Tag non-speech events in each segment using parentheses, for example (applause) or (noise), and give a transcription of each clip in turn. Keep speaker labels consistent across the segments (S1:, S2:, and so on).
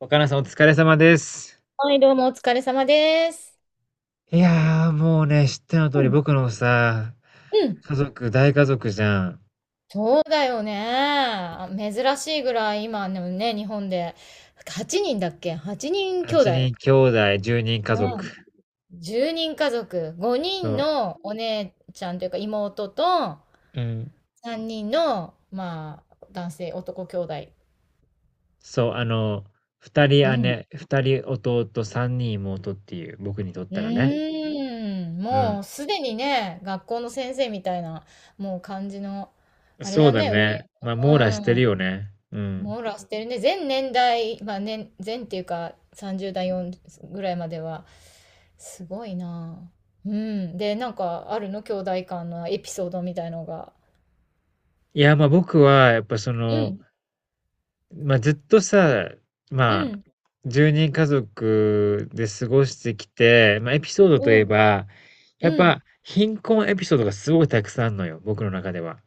S1: 若菜さんお疲れ様です。
S2: はい、どうもお疲れ様です。
S1: いやー、もうね、知っての通
S2: う
S1: り
S2: ん、
S1: 僕のさ、
S2: うん、
S1: 家族、大家族じゃん。
S2: そうだよね。珍しいぐらい今のね、日本で8人だっけ？ 8 人兄弟。
S1: 8人兄弟、10人家
S2: う
S1: 族。
S2: ん。10人家族、5
S1: そ
S2: 人
S1: う。
S2: のお姉ちゃんというか妹と
S1: うん。
S2: 3人の、まあ、男性、男兄弟。
S1: そう、あの、2人
S2: うん。
S1: 姉、2人弟、3人妹っていう、僕にとっ
S2: う
S1: たらね。
S2: ーん、
S1: う
S2: も
S1: ん。
S2: うすでにね、学校の先生みたいな、もう感じの、あれ
S1: そう
S2: だ
S1: だ
S2: ね、上、
S1: ね。まあ、
S2: う
S1: 網羅してるよ
S2: ん、
S1: ね。うん。
S2: 網羅してるね。全年代、まあ年、全っていうか30代4ぐらいまでは、すごいなぁ。うん。で、なんかあるの兄弟間のエピソードみたいのが。
S1: いや、まあ僕は、やっぱそ
S2: う
S1: の、
S2: ん、
S1: まあ、ずっとさ、
S2: う
S1: まあ、
S2: ん、
S1: 1人家族で過ごしてきて、まあ、エピソードといえ
S2: うん、
S1: ば、やっ
S2: うん。
S1: ぱ、貧困エピソードがすごいたくさんあるのよ、僕の中では。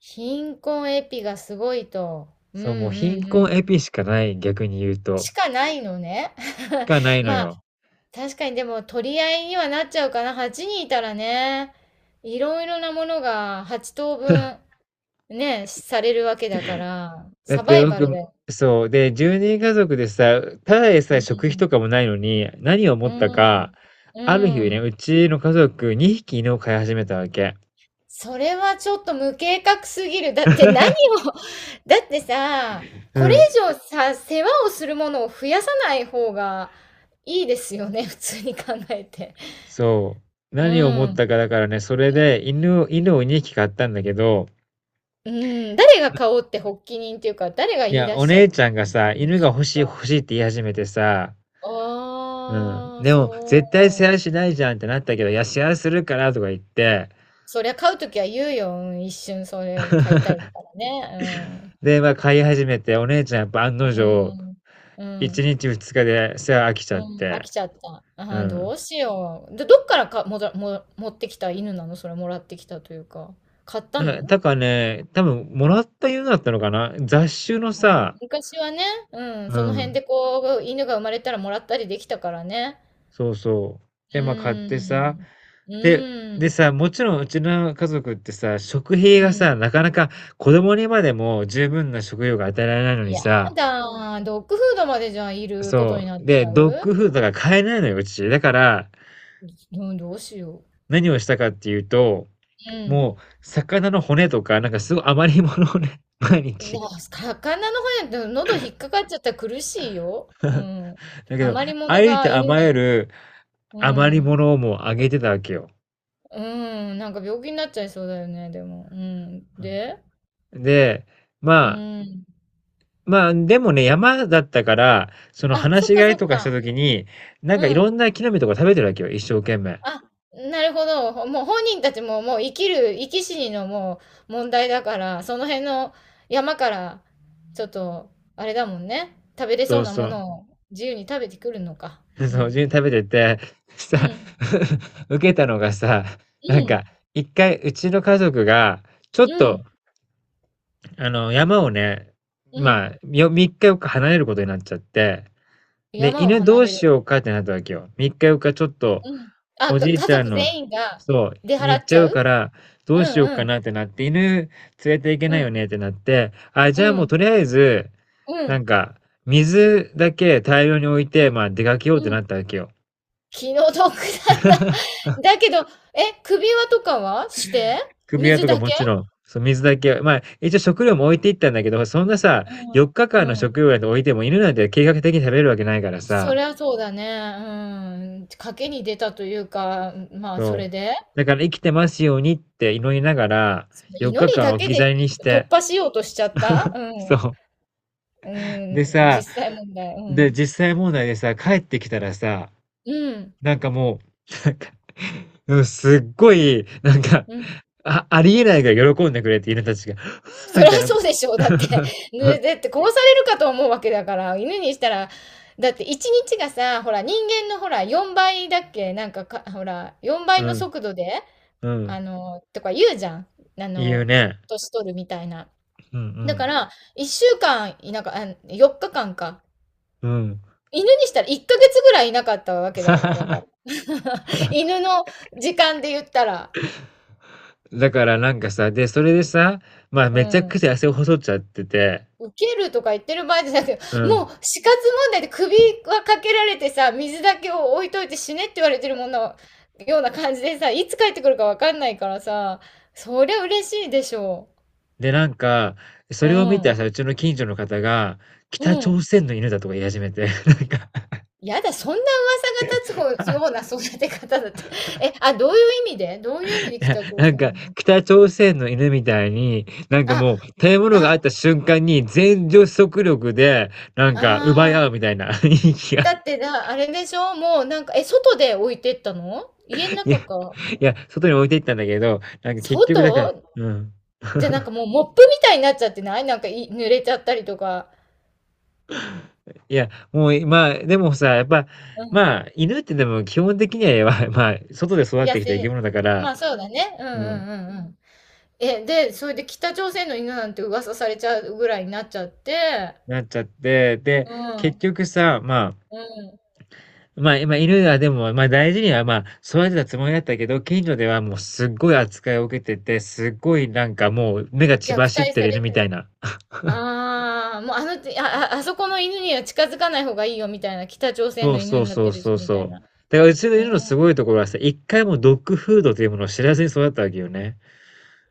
S2: 貧困エピがすごいと。うん、うん、
S1: そう、もう貧
S2: う
S1: 困エ
S2: ん。
S1: ピしかない、逆に言うと。
S2: しかないのね。
S1: しかない
S2: (laughs)
S1: の
S2: まあ、
S1: よ。
S2: 確かにでも取り合いにはなっちゃうかな。8人いたらね、いろいろなものが8等分ね、されるわけだから、
S1: だっ
S2: サバ
S1: て
S2: イバルだ
S1: 僕、
S2: よね。
S1: そう、で、1人家族でさ、ただで
S2: う
S1: さえ食費と
S2: ん。
S1: かもないのに、何を思
S2: う
S1: ったか、
S2: ん。う
S1: ある日ね、
S2: ん。
S1: うちの家族2匹犬を飼い始めたわけ。
S2: それはちょっと無計画すぎる。だって何を、(laughs) だってさ、
S1: う
S2: これ
S1: ん。
S2: 以上さ、世話をするものを増やさない方がいいですよね、(laughs) 普通に考えて。
S1: そう。
S2: う
S1: 何を思った
S2: ん。
S1: かだからね、それで犬を2匹買ったんだけど、
S2: うん。誰が買おうって発起人っていうか、誰が
S1: い
S2: 言い
S1: や、
S2: 出
S1: お
S2: しちゃっ
S1: 姉ちゃんがさ、
S2: たんで
S1: 犬
S2: し
S1: が
S2: ょう
S1: 欲しい
S2: か。
S1: 欲しいって言い始めてさ、うん。
S2: ああ、
S1: でも、絶対世
S2: そ
S1: 話
S2: う。
S1: しないじゃんってなったけど、いや、世話するからとか言って、
S2: そりゃ買うときは言うよ。うん、一瞬それ買いたいからね。うん。
S1: で、まあ、飼い始めて、お姉ちゃんやっぱ案の
S2: う
S1: 定、
S2: ん。う
S1: 1
S2: ん。
S1: 日2日で世話飽きち
S2: う
S1: ゃっ
S2: ん、飽
S1: て、
S2: きちゃった。
S1: う
S2: あーど
S1: ん。
S2: うしよう。で、どっからか、もだ、も、持ってきた犬なの、それもらってきたというか。買った
S1: なんか、
S2: の？
S1: だからね、多分、もらった犬だったのかな、雑種の
S2: うん、
S1: さ、
S2: 昔はね、うん、
S1: う
S2: その辺
S1: ん。
S2: でこう、犬が生まれたらもらったりできたからね。
S1: そうそう。
S2: う
S1: で、ま、買っ
S2: ー
S1: てさ、
S2: ん。う
S1: で
S2: ー
S1: でさ、
S2: ん。
S1: もちろんうちの家族ってさ、食費
S2: う
S1: がさ、
S2: ん。
S1: なかなか子供にまでも十分な食料が与えられないのに
S2: や
S1: さ、
S2: だー。ドッグフードまでじゃあいること
S1: そ
S2: にな
S1: う、
S2: っち
S1: で、
S2: ゃ
S1: ドッ
S2: う。
S1: グフードが買えないのよ、うち。だから、
S2: うん、どうしよ
S1: 何をしたかっていうと、
S2: う。うん。
S1: もう魚の骨とか、なんかすごい余り物をね、(laughs) 毎
S2: で
S1: 日。
S2: も、魚の方やと喉引っかかっちゃったら苦しいよ。
S1: (laughs)
S2: う
S1: だ
S2: ん。
S1: けど、
S2: 余り
S1: あ
S2: 物
S1: り
S2: が
S1: とあ
S2: 犬
S1: まゆ
S2: に。
S1: る
S2: う
S1: 余り
S2: ん。
S1: 物をもうあげてたわけよ。
S2: うーん、なんか病気になっちゃいそうだよね、でも。うん。で、
S1: うん。で、
S2: う
S1: ま
S2: ーん。
S1: まあ、でもね、山だったから、その
S2: あ、
S1: 放
S2: そっ
S1: し
S2: か
S1: 飼い
S2: そっ
S1: とかした
S2: か。
S1: 時に、なんかい
S2: う
S1: ろ
S2: ん。
S1: んな木の実とか食べてるわけよ、一生懸命。
S2: あ、なるほど。もう本人たちももう生き死にのもう問題だから、その辺の山から、ちょっと、あれだもんね。食べれ
S1: そ
S2: そう
S1: う
S2: な
S1: そ
S2: も
S1: う。
S2: のを自由に食べてくるのか。
S1: (laughs)
S2: う
S1: そう、自
S2: ん。
S1: 分に食べてて、
S2: う
S1: さ、
S2: ん。
S1: (laughs) 受けたのがさ、な
S2: う
S1: んか、
S2: ん。
S1: 一回うちの家族が、ちょっ
S2: うん。
S1: とあの、山をね、
S2: う
S1: ま
S2: ん。
S1: あ、よ、3日4日離れることになっちゃって、で、
S2: 山を
S1: 犬ど
S2: 離
S1: う
S2: れる。
S1: しようかってなったわけよ。3日4かちょっと、
S2: うん。
S1: おじい
S2: 家
S1: ちゃん
S2: 族
S1: の、
S2: 全員が
S1: そ
S2: 出
S1: う、に
S2: 払
S1: 行っ
S2: っち
S1: ちゃ
S2: ゃ
S1: うか
S2: う。
S1: ら、ど
S2: う
S1: う
S2: ん
S1: しよう
S2: う
S1: か
S2: ん。
S1: なってなって、犬連れていけ
S2: う
S1: ないよ
S2: ん。
S1: ねってなって、あ、じゃあ
S2: う
S1: もう
S2: ん。
S1: とりあえず、
S2: う
S1: なん
S2: ん。
S1: か、水だけ大量に置いて、まあ出かけようっ
S2: う
S1: てな
S2: ん、
S1: ったわけよ。
S2: 気の毒だな。だけど、首輪とかはして？
S1: 首輪
S2: 水
S1: とか
S2: だ
S1: も
S2: け？
S1: ちろん、そう、水だけは、まあ、一応食料も置いていったんだけど、そんなさ、4
S2: う
S1: 日間の
S2: ん、うん。
S1: 食料なんて置いても犬なんて計画的に食べるわけないから
S2: そ
S1: さ、
S2: りゃそうだね。うーん。賭けに出たというか、まあ、そ
S1: そう。
S2: れで、
S1: だから生きてますようにって祈りながら、
S2: その
S1: 4
S2: 祈り
S1: 日間
S2: だ
S1: 置
S2: け
S1: き去
S2: で
S1: りにし
S2: 突
S1: て、
S2: 破しようとしちゃった？うん。う
S1: そう。で
S2: ん、
S1: さ、
S2: 実際問題、う
S1: で、
S2: ん。
S1: 実際問題でさ、帰ってきたらさ、
S2: うん。
S1: なんかもう、なんか、うん、すっごい、なんか、
S2: うん。
S1: あ、ありえないぐらい喜んでくれて犬たちが、(laughs) ふー
S2: そ
S1: み
S2: りゃ
S1: たいな。
S2: そうでしょう。だって、(laughs) ね、
S1: (laughs)
S2: だって殺されるかと思うわけだから、犬にしたら、だって一日がさ、ほら、人間のほら、4倍だっけなんかか、ほら、4倍
S1: う
S2: の
S1: ん、
S2: 速度で、
S1: うん、
S2: あの、とか言うじゃん。あ
S1: 言う
S2: の、
S1: ね。
S2: 年取るみたいな。
S1: うんう
S2: だか
S1: ん。
S2: ら、1週間いなか、あ、4日間かんか。
S1: うん。
S2: 犬にしたら1ヶ月ぐらいいなかったわけだよ。だから。
S1: (laughs)
S2: (laughs) 犬の時間で言ったら。
S1: だからなんかさ、で、それでさ、まあ
S2: う
S1: めちゃく
S2: ん。
S1: ちゃ汗を細っちゃってて、
S2: 受けるとか言ってる場合じゃなくて、
S1: う
S2: も
S1: ん。
S2: う死活問題で首はかけられてさ、水だけを置いといて死ねって言われてるものような感じでさ、いつ帰ってくるかわかんないからさ、そりゃ嬉しいでしょ
S1: で、なんか、そ
S2: う。う
S1: れを見た
S2: ん。
S1: さ、うちの近所の方が、北
S2: うん。
S1: 朝鮮の犬だとか言い始めて、(laughs) なんか、
S2: やだ、そんな噂が立つよう
S1: (laughs)
S2: な育て方だって。(laughs) どういう意味でどういう
S1: い
S2: 意味で
S1: や、
S2: 北朝
S1: なん
S2: 鮮
S1: か、
S2: に。
S1: 北朝鮮の犬みたいに、なんか
S2: あ、
S1: もう、食べ物があ
S2: あ、
S1: った瞬間に全女子力で、なん
S2: あ
S1: か、奪い合うみ
S2: あ。
S1: たいな (laughs) 雰囲気
S2: だ
S1: が。
S2: ってな、あれでしょ、もうなんか、外で置いてったの、家の
S1: (laughs)。いや、
S2: 中か？
S1: いや、外に置いていったんだけど、なんか結局だから、
S2: 外？
S1: うん。
S2: じゃ、なんかもうモップみたいになっちゃってない？なんか、い濡れちゃったりとか。
S1: いや、もう、まあ、でもさ、やっぱ、
S2: うん。
S1: まあ、犬ってでも基本的には、(laughs) やばい、まあ、外で育っ
S2: 野
S1: てきた生き
S2: 生。
S1: 物だか
S2: ま
S1: ら、
S2: あ、そうだね。うんう
S1: うん、
S2: んうんうん。で、それで北朝鮮の犬なんて噂されちゃうぐらいになっちゃって、
S1: なっちゃって、で、
S2: う
S1: 結
S2: ん、
S1: 局さ、まあ、
S2: うん。
S1: まあ、今犬はでも、まあ大事には、まあ、育てたつもりだったけど、近所ではもうすっごい扱いを受けてて、すっごいなんかもう目が血
S2: 虐
S1: 走っ
S2: 待
S1: て
S2: さ
S1: る犬
S2: れ
S1: みたいな。
S2: ああ、もうあの、あああそこの犬には近づかない方がいいよみたいな、北朝鮮
S1: そ
S2: の
S1: う
S2: 犬
S1: そう
S2: になっ
S1: そ
S2: て
S1: う
S2: る
S1: そ
S2: し
S1: う
S2: み
S1: そう。
S2: たいな。
S1: だからうちの
S2: え
S1: 犬のすごいところはさ、一回もドッグフードというものを知らずに育ったわけよね。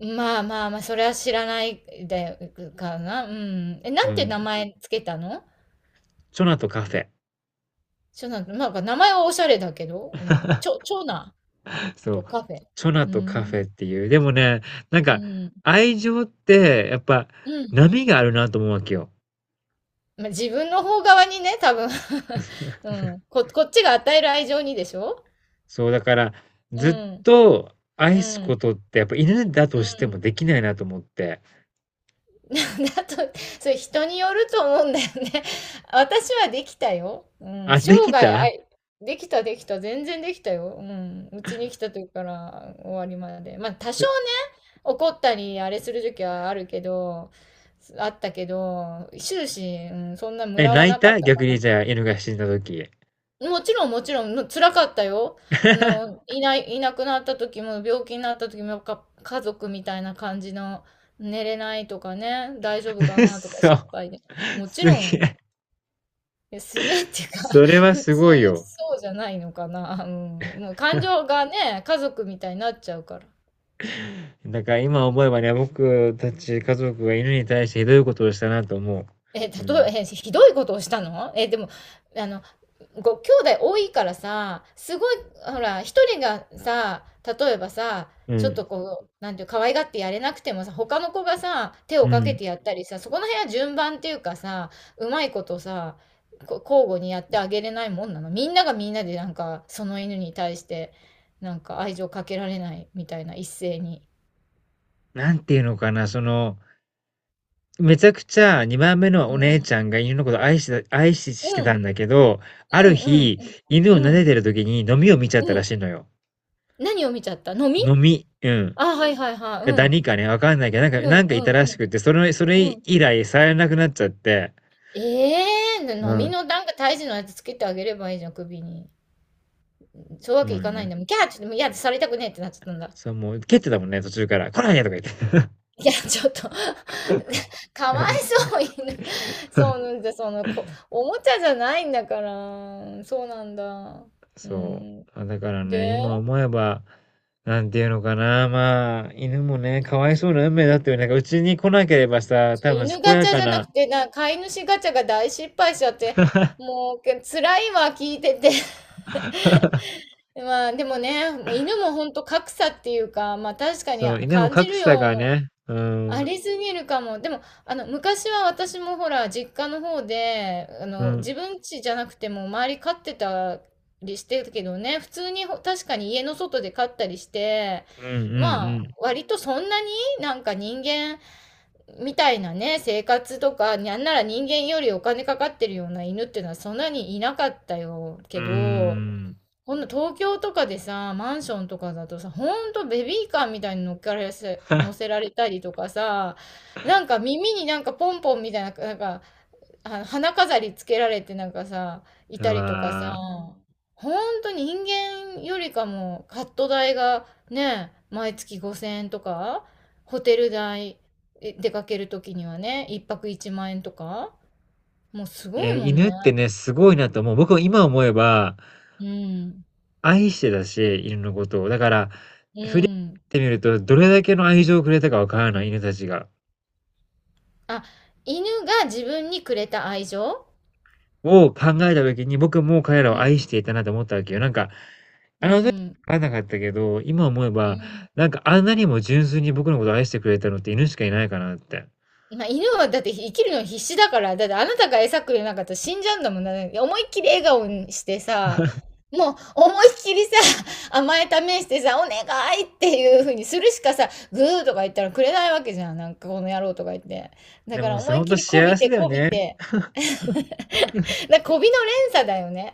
S2: まあまあまあ、それは知らないで、うかな。うん。な
S1: う
S2: んて名
S1: ん。
S2: 前つけたの？
S1: チョナとカフェ。
S2: ちょなんなんか名前はおしゃれだけど、うん、長男
S1: そ
S2: と
S1: う、
S2: カフェ。
S1: チョナ
S2: うー
S1: とカフェ
S2: ん、
S1: っていう。でもね、なん
S2: う
S1: か、
S2: ん、
S1: 愛情って、やっぱ、
S2: うん。
S1: 波があるなと思うわけよ。
S2: まあ、自分の方側にね、多分。 (laughs)。うん。こっちが与える愛情にでしょ？
S1: そう、だから、
S2: う
S1: ずっ
S2: ん、
S1: と愛
S2: う
S1: すこ
S2: ん、
S1: とって、やっぱ犬だと
S2: う
S1: して
S2: ん。
S1: もできないなと思って。
S2: (laughs) だと、それ人によると思うんだよね。(laughs) 私はできたよ。うん、
S1: あ、
S2: 生
S1: でき
S2: 涯
S1: た。
S2: あいできたできた、全然できたよ。うん、うちに来た時から終わりまで。まあ、多少ね怒ったりあれする時はあるけど、あったけど、終始、うん、そんなム
S1: え、
S2: ラは
S1: 泣い
S2: なかっ
S1: た
S2: た
S1: 逆
S2: か
S1: に
S2: な。
S1: じゃあ、犬が死んだ時。
S2: もちろんもちろん、辛かったよ。あの、
S1: (laughs)
S2: いなくなった時も、病気になった時も、家族みたいな感じの、寝れないとかね、大丈夫かなとか
S1: そ
S2: 心
S1: う、
S2: 配で。もち
S1: すげ
S2: ろん、
S1: え。
S2: いやすげえっていうか、
S1: それ
S2: (laughs)
S1: は
S2: 普
S1: す
S2: 通
S1: ごいよ。
S2: そうじゃないのかな。うん、もう感情がね、家族みたいになっちゃうから。
S1: だから今思えばね、僕たち家族が犬に対してひどいことをしたなと思
S2: え、例
S1: う。うん。
S2: え、え、ひどいことをしたの、でも、あの、ご兄弟多いからさ、すごい、ほら、一人がさ、例えばさ、
S1: う
S2: ちょっ
S1: ん。
S2: とこう、なんていう、可愛がってやれなくてもさ、他の子がさ、手を
S1: う
S2: かけ
S1: ん。
S2: てやったりさ、そこの辺は順番っていうかさ、うまいことさ、交互にやってあげれないもんなの。みんながみんなでなんか、その犬に対して、なんか愛情かけられないみたいな、一斉に。
S1: なんていうのかな、その、めちゃくちゃ2番目の
S2: う
S1: お姉ち
S2: ん、
S1: ゃんが犬のこと愛してた愛し
S2: う
S1: し
S2: ん、
S1: て
S2: う
S1: た
S2: ん、
S1: んだけど、ある
S2: うん、
S1: 日、犬を
S2: うん、う
S1: 撫で
S2: ん。
S1: てる時にノミを見ちゃっ
S2: う
S1: たら
S2: ん、
S1: しいのよ。
S2: 何を見ちゃったの、み。
S1: ノミ、うん。
S2: あ、はいはいはい、う
S1: かダ
S2: ん。
S1: ニかね、わかんないけど、なん
S2: うん、
S1: か
S2: う
S1: なんかいたら
S2: ん、
S1: しくて、それ
S2: うん、うん、
S1: 以来触れなくなっちゃって。
S2: ええー、
S1: う
S2: 飲み
S1: ん。
S2: のなんか胎児のやつつけてあげればいいじゃん、首に。そういうわけ
S1: ま
S2: い
S1: あ
S2: かないん
S1: ね。
S2: だもん。キャー、ちょっともう嫌でされたくねえってなっちゃったんだ。
S1: そう、もう蹴ってたもんね、途中から。来ないでとか言って。
S2: いや、ちょっと (laughs) かわい
S1: (laughs)
S2: そう、犬。そうなんだ、その、おもちゃじゃないんだから。そうなんだ。う
S1: そう。
S2: ん。
S1: あ、だからね、
S2: で、
S1: 今思えば、なんていうのかな、まあ、犬もね、かわい
S2: ちょ、
S1: そうな運命だったよね。なんかうちに来なければさ、
S2: ちょ
S1: 多分
S2: 犬
S1: 健
S2: ガ
S1: や
S2: チャ
S1: か
S2: じゃな
S1: な、
S2: くて、飼い主ガチャが大失敗しちゃって、
S1: (laughs)
S2: もう、辛いわ、聞いてて。(laughs) まあでもね、犬もほんと格差っていうか、まあ確かに
S1: そう、犬も
S2: 感じ
S1: 格
S2: る
S1: 差が
S2: よ。
S1: ね、う
S2: あ
S1: ん、
S2: りすぎるかも。でも、あの、昔は私もほら、実家の方で、あ
S1: う
S2: の、自
S1: ん、
S2: 分家じゃなくても周り飼ってたりしてたけどね、普通に確かに家の外で飼ったりして、
S1: うん、うん、
S2: まあ、
S1: うん、
S2: 割とそんなになんか人間みたいなね、生活とか、なんなら人間よりお金かかってるような犬っていうのはそんなにいなかったよ
S1: う
S2: け
S1: ー
S2: ど、
S1: ん。
S2: こんな東京とかでさ、マンションとかだとさ、ほんとベビーカーみたいに乗っからせ、乗せられたりとかさ、なんか耳になんかポンポンみたいな、なんか、あの花飾りつけられてなんかさ、い
S1: う
S2: たりとかさ、
S1: わー。
S2: ほんと人間よりかもカット代がね、毎月5000円とか、ホテル代、出かけるときにはね、一泊1万円とか、もうす
S1: い
S2: ご
S1: や、
S2: いもん
S1: 犬
S2: ね。
S1: ってね、すごいなと思う。僕も今思えば、
S2: うん。
S1: 愛してたし、犬のことを。だから、
S2: う
S1: 振り返っ
S2: ん。
S1: てみると、どれだけの愛情をくれたかわからない、犬たちが。
S2: あ、犬が自分にくれた愛情。
S1: を考えた時に、僕も彼らを
S2: うん。
S1: 愛していたなと思ったわけよ。なんか、
S2: う
S1: あの時は分
S2: ん。
S1: かんなかったけど、今思え
S2: う
S1: ば、
S2: ん。
S1: なんかあんなにも純粋に僕のことを愛してくれたのって犬しかいないかなって。
S2: まあ、犬はだって生きるの必死だから、だってあなたが餌くれなかったら死んじゃうんだもんな。ね、思いっきり笑顔にしてさ、もう思いっきりさ、(laughs) 甘え試してさ、お願いっていう風にするしかさ、グーとか言ったらくれないわけじゃん。なんかこの野郎とか言って。だ
S1: で
S2: から
S1: もさ、
S2: 思い
S1: ほ
S2: っ
S1: ん
S2: き
S1: と
S2: りこ
S1: 幸
S2: び
S1: せ
S2: て
S1: だよ
S2: こび
S1: ね。
S2: て。(laughs) こびの連鎖だよね。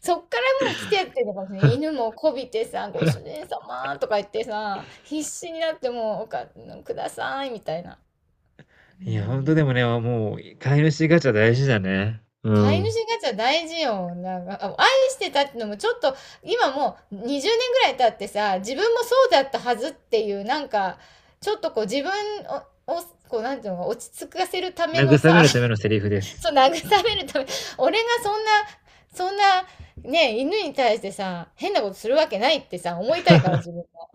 S2: そっからもう来てっていうのかもしれない。犬もこびてさ、ご主人様とか言ってさ、必死になってもう、くださいみたいな。う
S1: いや、ほんと
S2: ん。
S1: でもね、もう飼い主ガチャ大事だね。う
S2: 飼い主
S1: ん。
S2: ガチャ大事よ。なんか、愛してたってのもちょっと、今もう20年ぐらい経ってさ、自分もそうだったはずっていう、なんか、ちょっとこう自分をこう、なんていうの、落ち着かせるため
S1: 慰
S2: の
S1: め
S2: さ、
S1: るためのセリフです。
S2: そう、慰めるため、俺がそんな、ね、犬に対してさ、変なことするわけないってさ、思いたいから、自分も。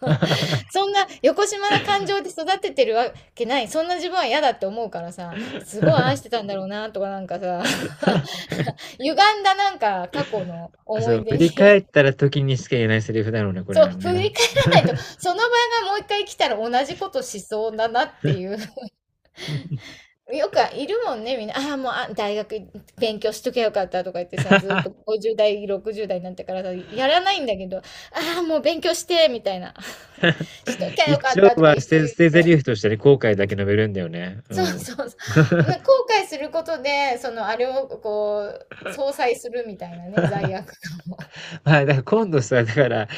S2: (laughs) そ
S1: (laughs)
S2: んな、横島な感情で育ててるわけない。そんな自分は嫌だって思うからさ、すごい愛してたんだろうな、とかなんかさ、(laughs) 歪んだなんか過去の思
S1: そ
S2: い
S1: う、振
S2: 出
S1: り返っ
S2: に、
S1: たら時にしか言えないセリフだろうね、これ
S2: そ
S1: は
S2: う、振
S1: ね。
S2: り返らないと、その場がもう一回来たら同じことしそうだなっていう、よくいるもんね、みんな。ああ、もう、大学勉強しとけばよかったとか言ってさ、ずーっと
S1: (laughs)
S2: 50代、60代になってからさ、やらないんだけど、ああ、もう勉強して、みたいな。(laughs) しときゃよか
S1: 一
S2: っ
S1: 応
S2: たとか
S1: は
S2: 一
S1: 捨
S2: 生
S1: て
S2: 言
S1: 捨て台
S2: って。
S1: 詞としてね、後悔だけ述べるんだよね。う
S2: そう
S1: ん。
S2: そうそう。(laughs) 後悔することで、その、あれをこう、相殺するみたいなね、罪悪感。
S1: はい、だから今度さ、だから、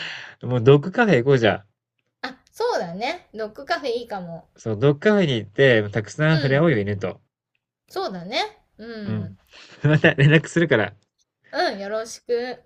S1: もうドッグカフェ行こうじゃん。
S2: (laughs) あ、そうだね。ドッグカフェいいかも。
S1: そう、ドッグカフェに行って、たくさん
S2: う
S1: 触れ合おう
S2: ん。
S1: よ、犬と。
S2: そうだね。う
S1: うん。
S2: ん。
S1: (laughs) また連絡するから。
S2: うん、よろしく。